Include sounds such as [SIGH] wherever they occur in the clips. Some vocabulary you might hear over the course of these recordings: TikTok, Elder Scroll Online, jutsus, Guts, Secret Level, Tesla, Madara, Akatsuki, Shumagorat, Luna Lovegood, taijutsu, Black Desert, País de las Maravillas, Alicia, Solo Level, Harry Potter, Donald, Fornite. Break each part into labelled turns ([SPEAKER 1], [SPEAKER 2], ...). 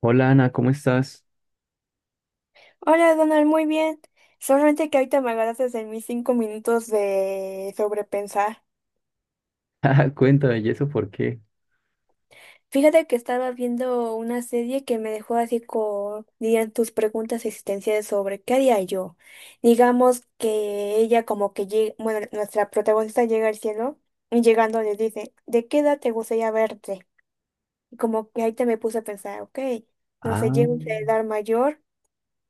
[SPEAKER 1] Hola Ana, ¿cómo estás? [LAUGHS]
[SPEAKER 2] Hola Donald, muy bien. Solamente que ahorita me agarraste en mis 5 minutos de sobrepensar.
[SPEAKER 1] Ah, cuéntame, ¿y eso por qué?
[SPEAKER 2] Fíjate que estaba viendo una serie que me dejó así con, dirían, tus preguntas existenciales sobre qué haría yo. Digamos que ella como que llega, bueno, nuestra protagonista llega al cielo y llegando le dice, ¿de qué edad te gustaría verte? Y como que ahí te me puse a pensar, ok, no sé,
[SPEAKER 1] Ah,
[SPEAKER 2] llego a una edad mayor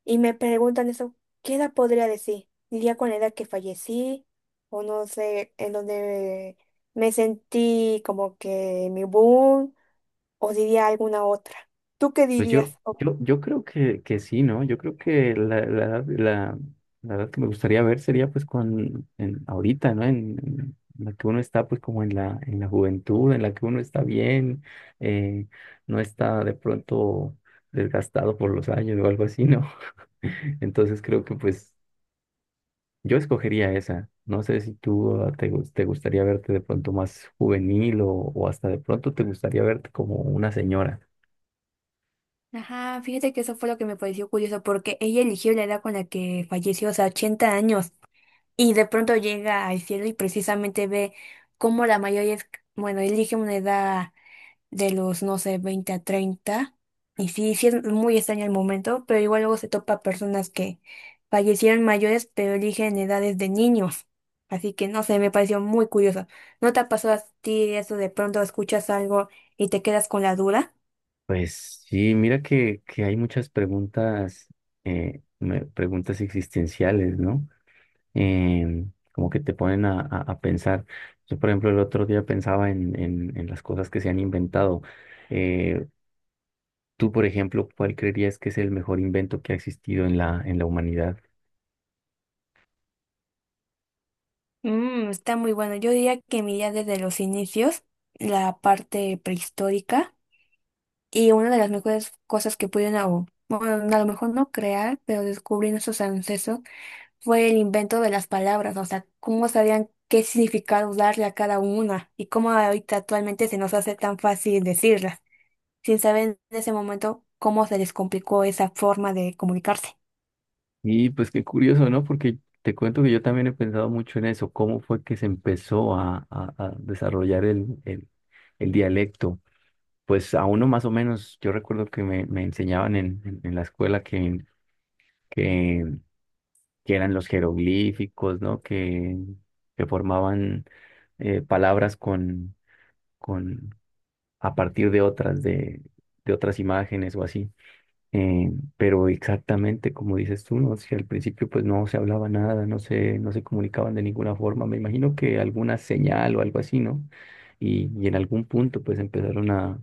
[SPEAKER 2] y me preguntan eso, ¿qué edad podría decir? ¿Diría con la edad que fallecí? O no sé, en donde me sentí como que mi boom, o diría alguna otra. ¿Tú qué
[SPEAKER 1] pues yo,
[SPEAKER 2] dirías? Oh.
[SPEAKER 1] yo creo que sí, ¿no? Yo creo que la edad que me gustaría ver sería pues ahorita, ¿no? En la que uno está pues como en en la juventud, en la que uno está bien, eh, no está de pronto desgastado por los años o algo así, ¿no? [LAUGHS] Entonces creo que pues yo escogería esa. No sé si tú te gustaría verte de pronto más juvenil o hasta de pronto te gustaría verte como una señora.
[SPEAKER 2] Ajá, fíjate que eso fue lo que me pareció curioso, porque ella eligió la edad con la que falleció, o sea, 80 años, y de pronto llega al cielo y precisamente ve cómo la mayoría es, bueno, elige una edad de los, no sé, 20 a 30. Y sí, sí es muy extraño el momento, pero igual luego se topa personas que fallecieron mayores, pero eligen edades de niños. Así que no sé, me pareció muy curioso. ¿No te ha pasado a ti eso de pronto escuchas algo y te quedas con la duda?
[SPEAKER 1] Pues sí, mira que hay muchas preguntas, preguntas existenciales, ¿no? Eh, Como que te a pensar. Yo, por ejemplo, el otro día pensaba en las cosas que se han inventado. Eh, Tú, por ejemplo, ¿cuál creerías que es el mejor invento que ha existido en en la humanidad?
[SPEAKER 2] Mm, está muy bueno. Yo diría que mi idea desde los inicios, la parte prehistórica, y una de las mejores cosas que pudieron, o, bueno, a lo mejor no crear, pero descubrir nuestros ancestros fue el invento de las palabras, o sea, cómo sabían qué significado darle a cada una y cómo ahorita actualmente se nos hace tan fácil decirlas, sin saber en ese momento cómo se les complicó esa forma de comunicarse.
[SPEAKER 1] Y pues qué curioso, ¿no? Porque te cuento que yo también he pensado mucho en eso, cómo fue que se empezó a desarrollar el dialecto. Pues a uno más o menos, yo recuerdo que me enseñaban en la escuela que, que eran los jeroglíficos, ¿no? Que formaban palabras con, a partir de de, otras imágenes o así. Eh, pero exactamente como dices tú, ¿no? Si al principio pues no se hablaba nada, no se comunicaban de ninguna forma, me imagino que alguna señal o algo así, ¿no? Y en algún punto pues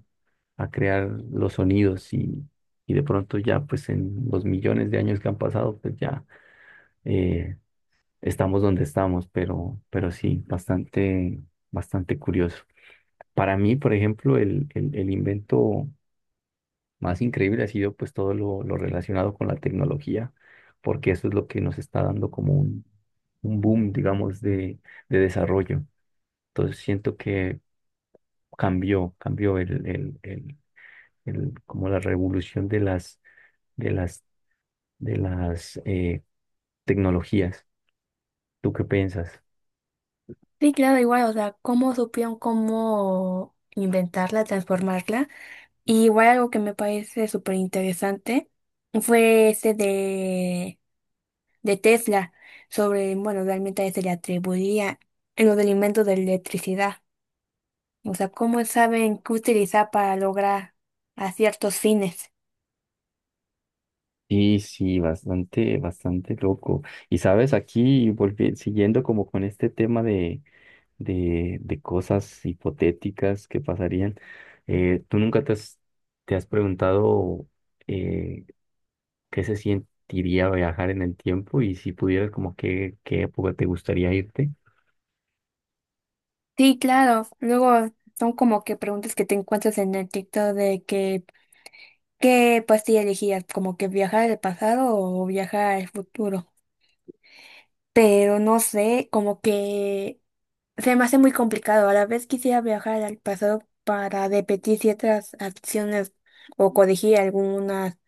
[SPEAKER 1] a crear los sonidos y de pronto ya pues en los millones de años que han pasado pues ya eh, estamos donde estamos, pero sí, bastante, bastante curioso. Para mí, por ejemplo, el invento más increíble ha sido pues todo lo relacionado con la tecnología, porque eso es lo que nos está dando como un boom, digamos, de desarrollo. Entonces siento que cambió como la revolución de las, de las, de las tecnologías. ¿Tú qué piensas?
[SPEAKER 2] Sí, claro, igual, o sea, cómo supieron cómo inventarla, transformarla. Y igual algo que me parece súper interesante fue ese de Tesla, sobre, bueno, realmente a él se le atribuía en lo del invento de la electricidad. O sea, ¿cómo saben qué utilizar para lograr a ciertos fines?
[SPEAKER 1] Sí, sí, bastante, bastante loco. Y sabes, aquí siguiendo como con este tema de de cosas hipotéticas que pasarían. ¿Tú nunca te has preguntado eh, qué se sentiría viajar en el tiempo y si pudieras, como qué época te gustaría irte?
[SPEAKER 2] Sí, claro. Luego son como que preguntas que te encuentras en el TikTok de que, ¿qué pastilla elegías? Como que viajar al pasado o viajar al futuro. Pero no sé, como que se me hace muy complicado. A la vez quisiera viajar al pasado para repetir ciertas acciones o corregir algunas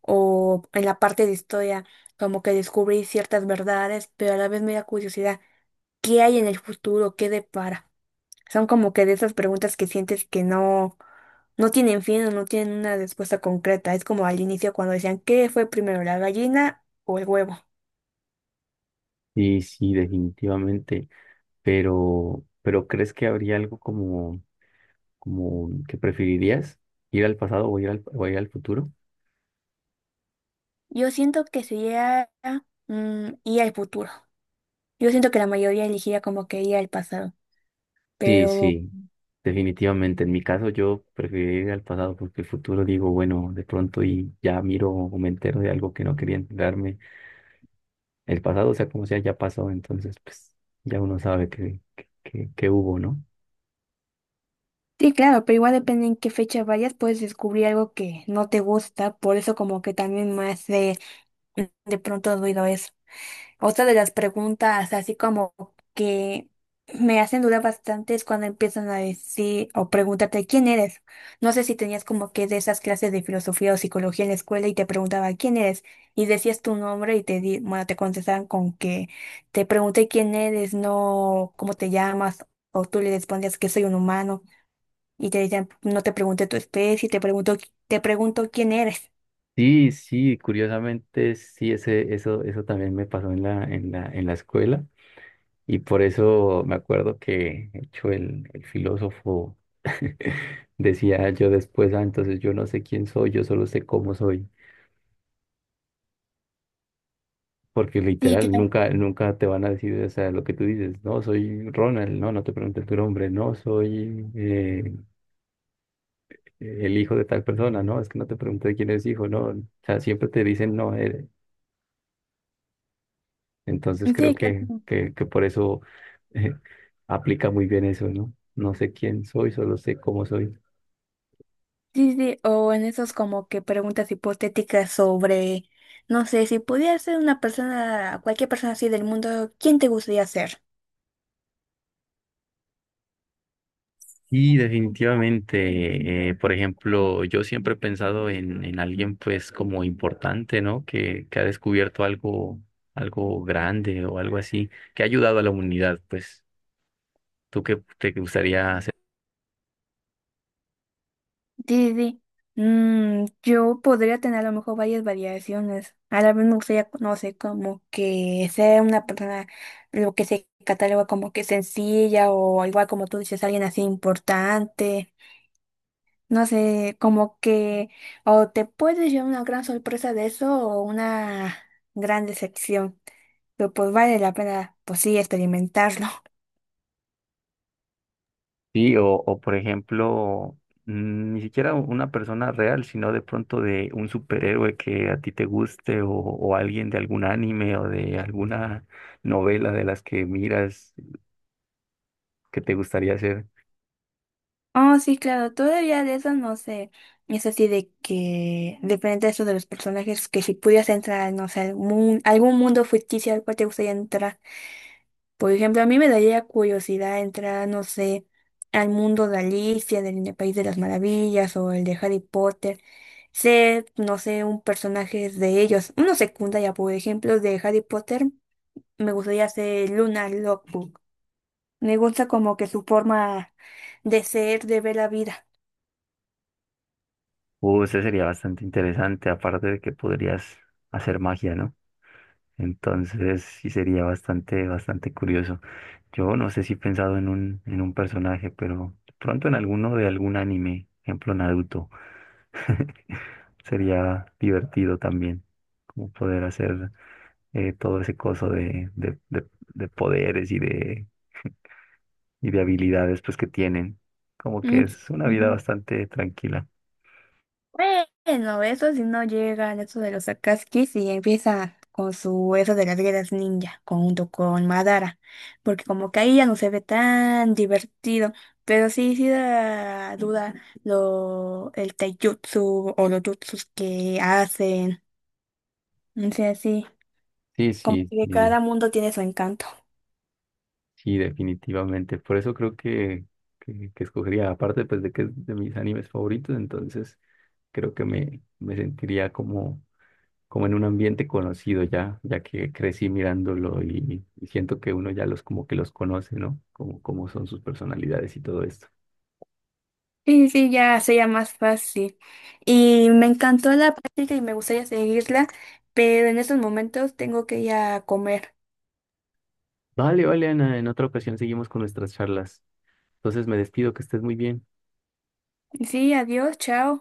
[SPEAKER 2] o en la parte de historia como que descubrir ciertas verdades, pero a la vez me da curiosidad. ¿Qué hay en el futuro? ¿Qué depara? Son como que de esas preguntas que sientes que no tienen fin o no tienen una respuesta concreta. Es como al inicio cuando decían, ¿qué fue primero, la gallina o el huevo?
[SPEAKER 1] Sí, sí, definitivamente, pero ¿crees que habría algo como, como que preferirías ir al pasado o ir al futuro?
[SPEAKER 2] Yo siento que sería mm, ir al futuro. Yo siento que la mayoría elegiría como que ir al pasado.
[SPEAKER 1] Sí,
[SPEAKER 2] Pero
[SPEAKER 1] sí, definitivamente. En mi caso yo prefiero ir al pasado porque el futuro digo, bueno, de pronto y ya miro o me entero de algo que no quería enterarme. El pasado, o sea, como sea, ya pasó, entonces pues ya uno sabe que hubo, ¿no?
[SPEAKER 2] sí, claro, pero igual depende en qué fecha vayas, puedes descubrir algo que no te gusta. Por eso como que también me hace de pronto ruido eso. Otra de las preguntas, así como que me hacen dudar bastante, es cuando empiezan a decir o pregúntate quién eres. No sé si tenías como que de esas clases de filosofía o psicología en la escuela y te preguntaba quién eres y decías tu nombre y te di, bueno, te contestaban con que te pregunté quién eres, no cómo te llamas o tú le respondías que soy un humano y te decían no te pregunté tu especie, te pregunto quién eres.
[SPEAKER 1] Sí, sí, curiosamente sí, eso también me pasó en en la escuela y por eso me acuerdo que, de hecho, el filósofo [LAUGHS] decía yo después, ah, entonces yo no sé quién soy, yo solo sé cómo soy. Porque
[SPEAKER 2] Sí,
[SPEAKER 1] literal,
[SPEAKER 2] claro.
[SPEAKER 1] nunca, nunca te van a decir, o sea, lo que tú dices, no, soy Ronald, no, no te preguntes tu nombre, no, soy el hijo de tal persona, no, es que no te pregunté quién es hijo, no, o sea, siempre te dicen no eres. Entonces creo
[SPEAKER 2] Sí, claro.
[SPEAKER 1] que por eso eh, aplica muy bien eso, ¿no? No sé quién soy, solo sé cómo soy.
[SPEAKER 2] Sí, sí, o en esos como que preguntas hipotéticas sobre, no sé, si pudieras ser una persona, cualquier persona así del mundo, ¿quién te gustaría ser?
[SPEAKER 1] Y definitivamente, por ejemplo, yo siempre he pensado en alguien pues como importante, ¿no? Que ha descubierto algo, algo grande o algo así, que ha ayudado a la humanidad, pues, ¿tú qué te gustaría?
[SPEAKER 2] Sí, sí. Mm, yo podría tener a lo mejor varias variaciones. A la vez me gustaría, no sé, como que ser una persona, lo que se cataloga como que sencilla o igual como tú dices, alguien así importante. No sé, como que o te puedes llevar una gran sorpresa de eso o una gran decepción. Pero pues vale la pena, pues sí, experimentarlo. [LAUGHS]
[SPEAKER 1] Sí, o por ejemplo, mm, ni siquiera una persona real, sino de pronto de un superhéroe que a ti te guste o alguien de algún anime o de alguna novela de las que miras que te gustaría hacer.
[SPEAKER 2] Oh, sí, claro, todavía de eso no sé. Es así de que depende de eso de los personajes, que si pudieras entrar, no sé, algún mundo ficticio al cual te gustaría entrar. Por ejemplo, a mí me daría curiosidad entrar, no sé, al mundo de Alicia, del País de las Maravillas o el de Harry Potter. Ser, no sé, un personaje de ellos. Uno secundaria, por ejemplo, de Harry Potter, me gustaría ser Luna Lovegood. Me gusta como que su forma de ser, de ver la vida.
[SPEAKER 1] Ese sería bastante interesante, aparte de que podrías hacer magia, ¿no? Entonces sí sería bastante, bastante curioso. Yo no sé si he pensado en un personaje, pero de pronto en alguno de algún anime, ejemplo Naruto, [LAUGHS] sería divertido también, como poder hacer todo ese coso de poderes y y de habilidades pues que tienen. Como que
[SPEAKER 2] Mm,
[SPEAKER 1] es una vida
[SPEAKER 2] ujú.
[SPEAKER 1] bastante tranquila.
[SPEAKER 2] Bueno, eso si no llega al eso de los Akatsuki y empieza con su eso de las guerras ninja, junto con Madara, porque como que ahí ya no se ve tan divertido, pero sí, sí da duda lo, el taijutsu o los jutsus que hacen, o sea, sí,
[SPEAKER 1] Sí,
[SPEAKER 2] como
[SPEAKER 1] sí,
[SPEAKER 2] que cada mundo tiene su encanto.
[SPEAKER 1] sí, definitivamente. Por eso creo que escogería, aparte pues de que es de mis animes favoritos, entonces creo que me sentiría como, como en un ambiente conocido ya, ya que crecí mirándolo y siento que uno ya los como que los conoce, ¿no? Como, como son sus personalidades y todo esto.
[SPEAKER 2] Sí, sí, ya sería más fácil. Y me encantó la práctica y me gustaría seguirla, pero en estos momentos tengo que ir a comer.
[SPEAKER 1] Vale, vale, Ana, en otra ocasión seguimos con nuestras charlas. Entonces me despido, que estés muy bien.
[SPEAKER 2] Sí, adiós, chao.